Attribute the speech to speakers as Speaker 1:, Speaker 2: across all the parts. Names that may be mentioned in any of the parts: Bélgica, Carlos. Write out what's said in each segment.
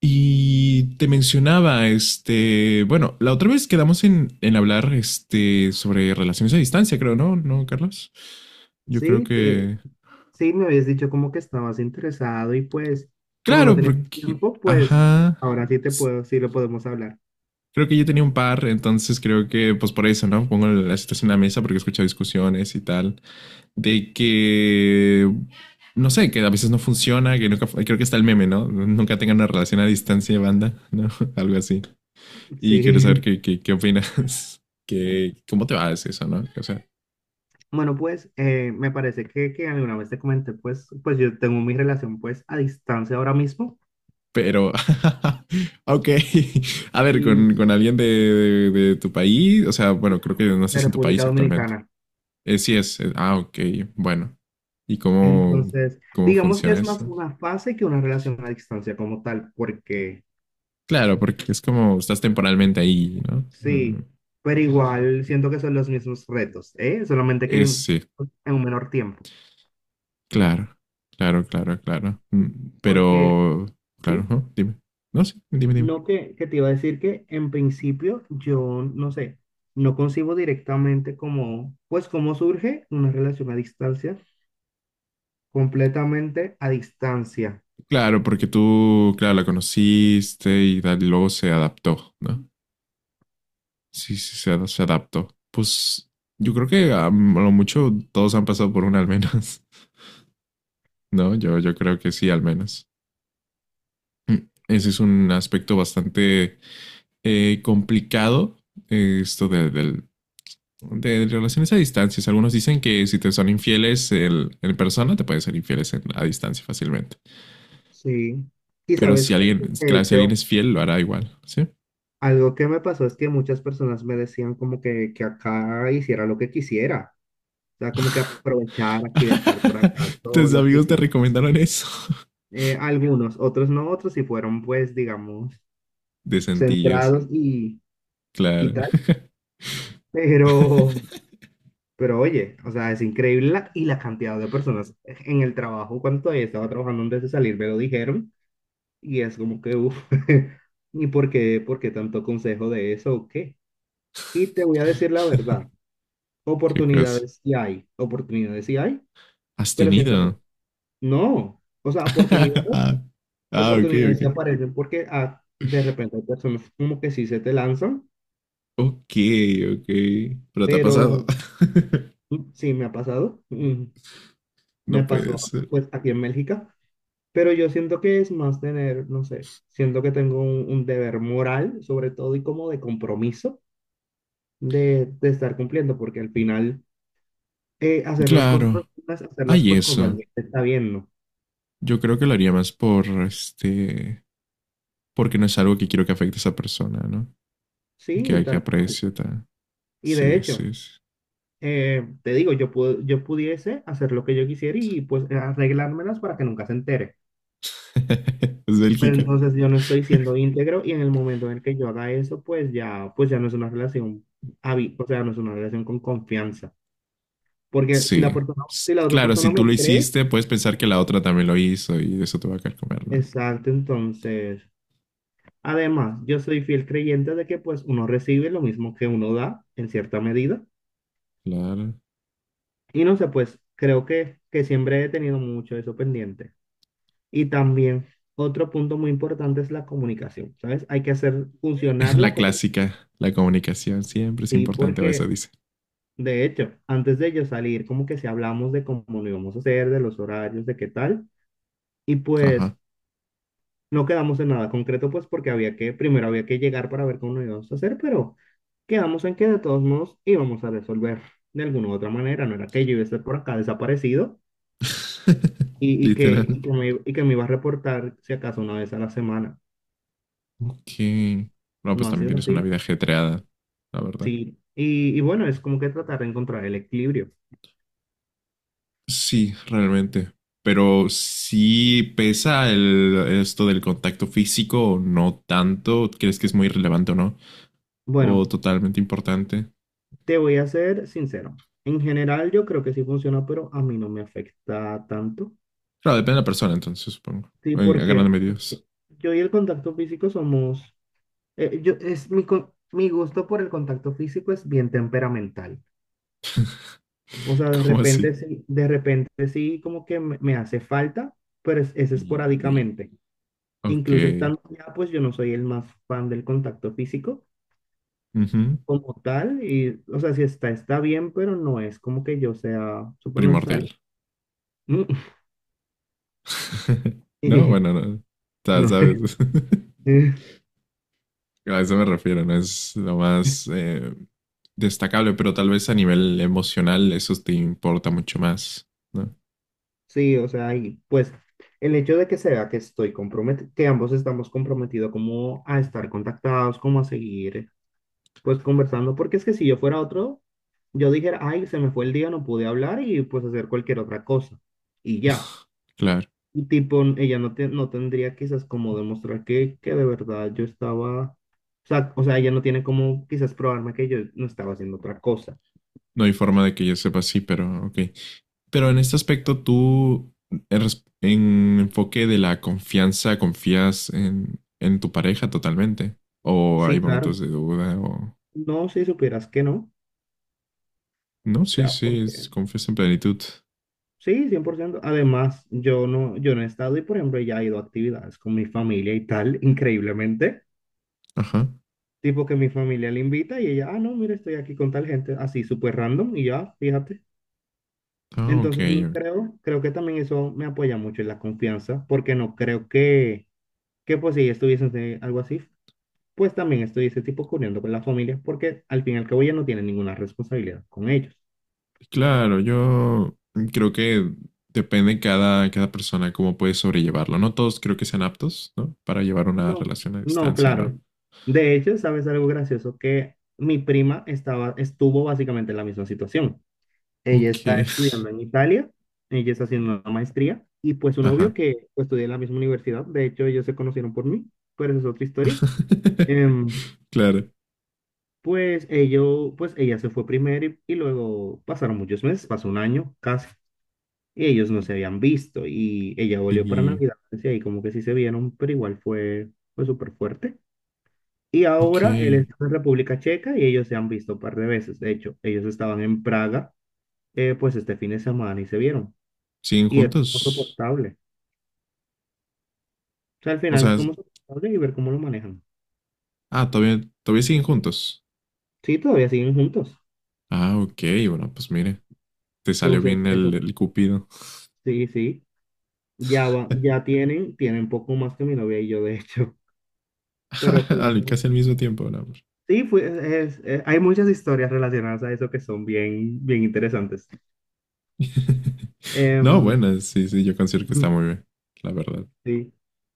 Speaker 1: Y te mencionaba, bueno, la otra vez quedamos en hablar, sobre relaciones a distancia, creo, ¿no? ¿No, Carlos? Yo creo
Speaker 2: Sí, que,
Speaker 1: que,
Speaker 2: sí, me habías dicho como que estabas interesado y pues como no
Speaker 1: claro,
Speaker 2: teníamos
Speaker 1: porque,
Speaker 2: tiempo, pues
Speaker 1: ajá,
Speaker 2: ahora sí te
Speaker 1: s-
Speaker 2: puedo, sí lo podemos hablar.
Speaker 1: creo que yo tenía un par, entonces creo que, pues por eso, ¿no? Pongo la situación en la mesa porque he escuchado discusiones y tal, de que, no sé, que a veces no funciona, que nunca, creo que está el meme, ¿no? Nunca tengan una relación a distancia, banda, ¿no? Algo así. Y
Speaker 2: Sí,
Speaker 1: quiero saber qué opinas. ¿Cómo te va eso, no? O sea,
Speaker 2: bueno, pues me parece que alguna vez te comenté, pues yo tengo mi relación pues a distancia ahora mismo
Speaker 1: pero, ok. A ver,
Speaker 2: y,
Speaker 1: con alguien de tu país, o sea, bueno,
Speaker 2: y
Speaker 1: creo que no
Speaker 2: de
Speaker 1: estás en tu país
Speaker 2: República
Speaker 1: actualmente.
Speaker 2: Dominicana.
Speaker 1: Sí es, ah, ok, bueno. ¿Y cómo,
Speaker 2: Entonces,
Speaker 1: cómo
Speaker 2: digamos que
Speaker 1: funciona
Speaker 2: es más
Speaker 1: eso?
Speaker 2: una fase que una relación a distancia como tal, porque
Speaker 1: Claro, porque es como estás temporalmente ahí, ¿no? Mm,
Speaker 2: sí, pero igual siento que son los mismos retos, ¿eh? Solamente que
Speaker 1: es,
Speaker 2: en
Speaker 1: sí,
Speaker 2: en un menor tiempo.
Speaker 1: claro, claro. Mm,
Speaker 2: Porque,
Speaker 1: pero, claro,
Speaker 2: sí,
Speaker 1: ¿no? Dime. No, sí, dime.
Speaker 2: no, que te iba a decir que en principio yo, no sé, no concibo directamente como, pues cómo surge una relación a distancia, completamente a distancia.
Speaker 1: Claro, porque tú, claro, la conociste y luego se adaptó, ¿no? Sí, sí, se adaptó. Pues yo creo que a lo mucho todos han pasado por una al menos, ¿no? Yo creo que sí, al menos. Mm, ese es un aspecto bastante complicado, esto de relaciones a distancias. Algunos dicen que si te son infieles en persona, te pueden ser infieles a distancia fácilmente.
Speaker 2: Sí. Y
Speaker 1: Pero
Speaker 2: sabes
Speaker 1: si
Speaker 2: qué,
Speaker 1: alguien,
Speaker 2: de
Speaker 1: claro, si
Speaker 2: hecho,
Speaker 1: alguien es fiel, lo hará igual, ¿sí?
Speaker 2: algo que me pasó es que muchas personas me decían como que acá hiciera lo que quisiera, o sea, como que aprovechar aquí de estar por acá, todo
Speaker 1: Tus
Speaker 2: lo que
Speaker 1: amigos te
Speaker 2: hiciera.
Speaker 1: recomendaron eso.
Speaker 2: Algunos, otros no, otros sí fueron, pues, digamos,
Speaker 1: De sentillos,
Speaker 2: centrados y
Speaker 1: claro.
Speaker 2: tal. Pero, pero oye, o sea, es increíble la cantidad de personas en el trabajo, cuando todavía estaba trabajando antes de salir, me lo dijeron y es como que, uff, ¿y por qué tanto consejo de eso o qué? Y te voy a decir la verdad,
Speaker 1: ¿Qué cosa?
Speaker 2: oportunidades sí hay,
Speaker 1: ¿Has
Speaker 2: pero siento que
Speaker 1: tenido?
Speaker 2: no, o sea, oportunidades,
Speaker 1: ah, ok,
Speaker 2: oportunidades
Speaker 1: ok.
Speaker 2: se aparecen porque ah, de repente hay personas como que sí se te lanzan,
Speaker 1: Ok, ok. Pero te ha pasado.
Speaker 2: pero sí me ha pasado, me
Speaker 1: no puede
Speaker 2: pasó
Speaker 1: ser.
Speaker 2: pues aquí en Bélgica. Pero yo siento que es más tener, no sé, siento que tengo un deber moral, sobre todo, y como de compromiso de estar cumpliendo, porque al final hacer las cosas,
Speaker 1: Claro,
Speaker 2: hacerlas
Speaker 1: hay
Speaker 2: pues cuando
Speaker 1: eso.
Speaker 2: alguien te está viendo.
Speaker 1: Yo creo que lo haría más por este. Porque no es algo que quiero que afecte a esa persona, ¿no? Que
Speaker 2: Sí,
Speaker 1: hay que
Speaker 2: tal cual.
Speaker 1: apreciar.
Speaker 2: Y de
Speaker 1: Sí,
Speaker 2: hecho,
Speaker 1: sí, sí.
Speaker 2: te digo, yo pudiese hacer lo que yo quisiera y pues arreglármelas para que nunca se entere.
Speaker 1: es
Speaker 2: Pero
Speaker 1: Bélgica.
Speaker 2: entonces yo no estoy siendo íntegro y en el momento en el que yo haga eso, pues ya no es una relación, o sea, no es una relación con confianza. Porque si la
Speaker 1: Sí.
Speaker 2: persona, si la otra
Speaker 1: Claro, si
Speaker 2: persona
Speaker 1: tú
Speaker 2: me
Speaker 1: lo
Speaker 2: cree,
Speaker 1: hiciste, puedes pensar que la otra también lo hizo y eso te va a carcomer, ¿no?
Speaker 2: exacto, entonces. Además, yo soy fiel creyente de que pues uno recibe lo mismo que uno da en cierta medida.
Speaker 1: Claro.
Speaker 2: Y no sé, pues creo que siempre he tenido mucho eso pendiente. Y también otro punto muy importante es la comunicación, ¿sabes? Hay que hacer funcionar la
Speaker 1: La
Speaker 2: comunicación.
Speaker 1: clásica, la comunicación siempre es
Speaker 2: Sí,
Speaker 1: importante, o eso
Speaker 2: porque
Speaker 1: dice.
Speaker 2: de hecho, antes de yo salir, como que si hablamos de cómo lo íbamos a hacer, de los horarios, de qué tal. Y pues
Speaker 1: Ajá.
Speaker 2: no quedamos en nada concreto, pues porque primero había que llegar para ver cómo lo íbamos a hacer, pero quedamos en que de todos modos íbamos a resolver de alguna u otra manera. No era que yo iba a estar por acá desaparecido
Speaker 1: Literal.
Speaker 2: y que me iba a reportar si acaso una vez a la semana.
Speaker 1: Ok. No, pues
Speaker 2: No ha
Speaker 1: también
Speaker 2: sido
Speaker 1: tienes una
Speaker 2: así,
Speaker 1: vida ajetreada, la verdad.
Speaker 2: sí. Y bueno, es como que tratar de encontrar el equilibrio.
Speaker 1: Sí, realmente. Pero sí pesa el, esto del contacto físico o no tanto. ¿Crees que es muy relevante o no? O
Speaker 2: Bueno,
Speaker 1: totalmente importante.
Speaker 2: te voy a ser sincero. En general yo creo que sí funciona, pero a mí no me afecta tanto.
Speaker 1: Claro, depende de la persona, entonces, supongo.
Speaker 2: Sí,
Speaker 1: En grandes
Speaker 2: porque
Speaker 1: medidas.
Speaker 2: yo y el contacto físico somos. Es mi, mi gusto por el contacto físico es bien temperamental. O sea,
Speaker 1: ¿Cómo así?
Speaker 2: de repente sí como que me hace falta, pero es
Speaker 1: Y
Speaker 2: esporádicamente.
Speaker 1: ok.
Speaker 2: Incluso estando allá, pues yo no soy el más fan del contacto físico
Speaker 1: Ujú.
Speaker 2: como tal. Y, o sea, si está, está bien, pero no es como que yo sea súper
Speaker 1: Primordial.
Speaker 2: necesario.
Speaker 1: No,
Speaker 2: Y
Speaker 1: bueno, no.
Speaker 2: no.
Speaker 1: Sabes. A eso me refiero, no es lo más destacable, pero tal vez a nivel emocional eso te importa mucho más, ¿no?
Speaker 2: Sí, o sea, y pues el hecho de que se vea que estoy comprometido, que ambos estamos comprometidos como a estar contactados, como a seguir pues conversando, porque es que si yo fuera otro, yo dijera, ay, se me fue el día, no pude hablar y pues hacer cualquier otra cosa. Y ya.
Speaker 1: Claro.
Speaker 2: Y tipo, ella no, no tendría quizás como demostrar que de verdad yo estaba, o sea, ella no tiene como quizás probarme que yo no estaba haciendo otra cosa.
Speaker 1: No hay forma de que yo sepa, sí, pero ok. Pero en este aspecto, tú, en enfoque de la confianza, confías en tu pareja totalmente. O hay
Speaker 2: Sí,
Speaker 1: momentos
Speaker 2: claro.
Speaker 1: de duda, o.
Speaker 2: No, si supieras que no.
Speaker 1: No,
Speaker 2: O
Speaker 1: sí,
Speaker 2: sea,
Speaker 1: sí,
Speaker 2: porque
Speaker 1: confías en plenitud.
Speaker 2: sí, 100%. Además, yo no he estado y, por ejemplo, ella ha ido a actividades con mi familia y tal, increíblemente.
Speaker 1: Ajá.
Speaker 2: Tipo que mi familia le invita y ella, ah, no, mira, estoy aquí con tal gente, así súper random y ya, fíjate.
Speaker 1: Ah, ok.
Speaker 2: Entonces no creo, creo que también eso me apoya mucho en la confianza, porque no creo que pues si ella estuviese en algo así, pues también estuviese tipo corriendo con la familia, porque al fin y al cabo ella no tiene ninguna responsabilidad con ellos.
Speaker 1: Claro, yo creo que depende cada persona cómo puede sobrellevarlo. No todos creo que sean aptos, ¿no? Para llevar una
Speaker 2: No,
Speaker 1: relación a
Speaker 2: no,
Speaker 1: distancia,
Speaker 2: claro.
Speaker 1: ¿no?
Speaker 2: De hecho, ¿sabes algo gracioso? Que mi prima estaba, estuvo básicamente en la misma situación. Ella
Speaker 1: Ok.
Speaker 2: está estudiando en Italia, ella está haciendo una maestría y pues su novio
Speaker 1: Ajá.
Speaker 2: que pues, estudia en la misma universidad, de hecho ellos se conocieron por mí, pero esa es otra historia. Em,
Speaker 1: Claro.
Speaker 2: pues, pues ella se fue primero y luego pasaron muchos meses, pasó un año casi, y ellos no se habían visto y ella volvió para
Speaker 1: Y,
Speaker 2: Navidad, y ahí como que sí se vieron, pero igual fue súper fuerte. Y ahora él
Speaker 1: ok,
Speaker 2: está en República Checa y ellos se han visto un par de veces, de hecho ellos estaban en Praga pues este fin de semana y se vieron.
Speaker 1: ¿siguen
Speaker 2: Y es como
Speaker 1: juntos?
Speaker 2: soportable. O sea, al
Speaker 1: O
Speaker 2: final
Speaker 1: sea,
Speaker 2: es como soportable y ver cómo lo manejan.
Speaker 1: ah, todavía siguen juntos.
Speaker 2: Sí, todavía siguen juntos.
Speaker 1: Ah, ok, bueno, pues mire, te salió
Speaker 2: Entonces,
Speaker 1: bien
Speaker 2: eso,
Speaker 1: el cupido.
Speaker 2: sí, sí. Ya va, ya tienen, tienen poco más que mi novia y yo, de hecho. Pero fuimos-
Speaker 1: Casi al mismo tiempo, no, hombre.
Speaker 2: sí, hay muchas historias relacionadas a eso que son bien, bien interesantes.
Speaker 1: No,
Speaker 2: Em,
Speaker 1: bueno, sí, sí, yo considero que está muy bien, la verdad.
Speaker 2: Sí.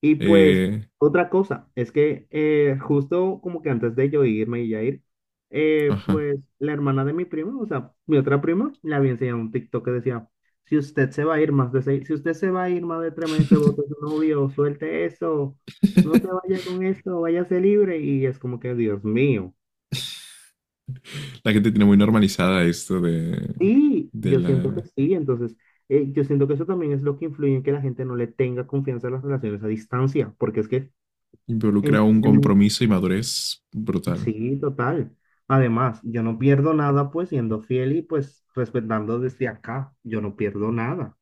Speaker 2: Y pues
Speaker 1: Eh,
Speaker 2: otra cosa es que justo como que antes de yo irme y ya ir,
Speaker 1: ajá.
Speaker 2: pues la hermana de mi primo, o sea, mi otra prima, le había enseñado un TikTok que decía, si usted se va a ir más de seis, si usted se va a ir más de 3 meses, vote su novio, suelte eso, no se vaya con eso, váyase libre. Y es como que, Dios mío.
Speaker 1: La gente tiene muy normalizada esto
Speaker 2: Sí,
Speaker 1: de
Speaker 2: yo siento que
Speaker 1: la...
Speaker 2: sí, entonces yo siento que eso también es lo que influye en que la gente no le tenga confianza a las relaciones a distancia, porque es que... En-
Speaker 1: Involucra un compromiso y madurez brutal.
Speaker 2: Sí, total. Además, yo no pierdo nada pues siendo fiel y pues respetando desde acá, yo no pierdo nada.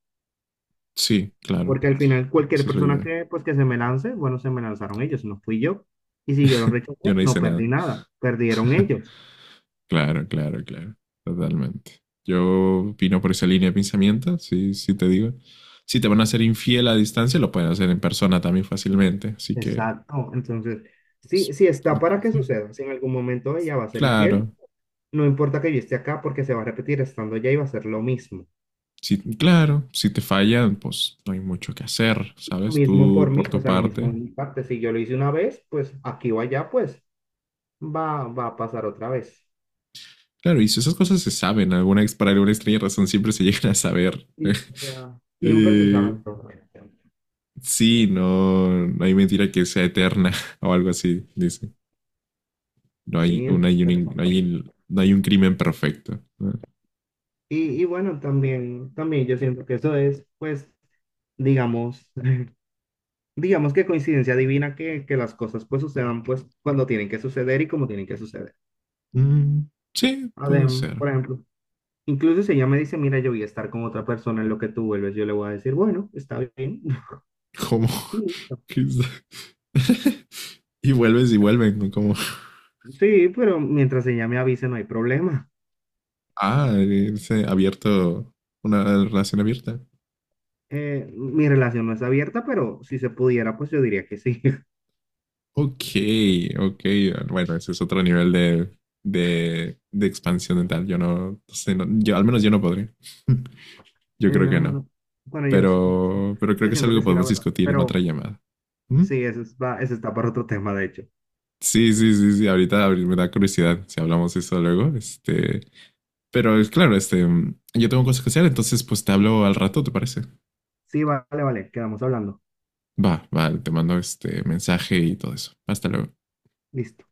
Speaker 1: Sí, claro,
Speaker 2: Porque al final cualquier
Speaker 1: esa es la
Speaker 2: persona
Speaker 1: idea.
Speaker 2: que pues que se me lance, bueno, se me lanzaron ellos, no fui yo. Y si yo los rechacé,
Speaker 1: Yo no
Speaker 2: no
Speaker 1: hice nada.
Speaker 2: perdí nada, perdieron ellos.
Speaker 1: Claro, claro, claro, totalmente. Yo opino por esa línea de pensamiento, sí, sí te digo. Si te van a hacer infiel a distancia, lo pueden hacer en persona también fácilmente, así que
Speaker 2: Exacto. Entonces,
Speaker 1: s-
Speaker 2: sí, sí está
Speaker 1: por
Speaker 2: para que
Speaker 1: confiar.
Speaker 2: suceda. Si en algún momento ella va a ser infiel,
Speaker 1: Claro,
Speaker 2: no importa que yo esté acá porque se va a repetir estando allá y va a ser lo mismo.
Speaker 1: sí, claro, si te fallan, pues no hay mucho que hacer,
Speaker 2: Lo
Speaker 1: ¿sabes?
Speaker 2: mismo por
Speaker 1: Tú
Speaker 2: mí,
Speaker 1: por
Speaker 2: o
Speaker 1: tu
Speaker 2: sea, lo mismo
Speaker 1: parte.
Speaker 2: en mi parte. Si yo lo hice una vez, pues aquí o allá, pues va a pasar otra vez.
Speaker 1: Claro, y si esas cosas se saben, alguna para alguna extraña razón siempre se llegan a saber.
Speaker 2: Y, o sea, siempre se
Speaker 1: Eh,
Speaker 2: sabe todo.
Speaker 1: sí, no, no hay mentira que sea eterna o algo así, dice. No hay,
Speaker 2: Sí,
Speaker 1: un, hay
Speaker 2: pero.
Speaker 1: un, no hay, no hay un crimen perfecto. ¿No?
Speaker 2: Y bueno, también yo siento que eso es, pues, digamos, digamos que coincidencia divina que las cosas pues sucedan pues cuando tienen que suceder y como tienen que suceder.
Speaker 1: Mm, sí, puede ser.
Speaker 2: Por ejemplo, incluso si ella me dice, mira, yo voy a estar con otra persona en lo que tú vuelves, yo le voy a decir, bueno, está bien.
Speaker 1: Como.
Speaker 2: Y listo.
Speaker 1: y vuelves y vuelven. ¿No? Como.
Speaker 2: Sí, pero mientras ella me avise no hay problema.
Speaker 1: Ah, es abierto. Una relación abierta.
Speaker 2: Mi relación no es abierta, pero si se pudiera, pues yo diría que sí.
Speaker 1: Ok, ok. Bueno, ese es otro nivel de, de expansión mental. Yo no, no sé, no, yo, al menos yo no podría
Speaker 2: Eh,
Speaker 1: yo creo que no.
Speaker 2: bueno, bueno,
Speaker 1: Pero creo
Speaker 2: yo
Speaker 1: que es
Speaker 2: siento
Speaker 1: algo
Speaker 2: que
Speaker 1: que
Speaker 2: sí, la
Speaker 1: podemos
Speaker 2: verdad.
Speaker 1: discutir en otra
Speaker 2: Pero
Speaker 1: llamada. ¿Mm?
Speaker 2: sí, eso, eso está para otro tema, de hecho.
Speaker 1: Sí. Ahorita me da curiosidad si hablamos de eso luego. Pero es claro, yo tengo cosas que hacer, entonces pues te hablo al rato, ¿te parece?
Speaker 2: Sí, vale, vale, quedamos hablando.
Speaker 1: Va, te mando este mensaje y todo eso. Hasta luego.
Speaker 2: Listo.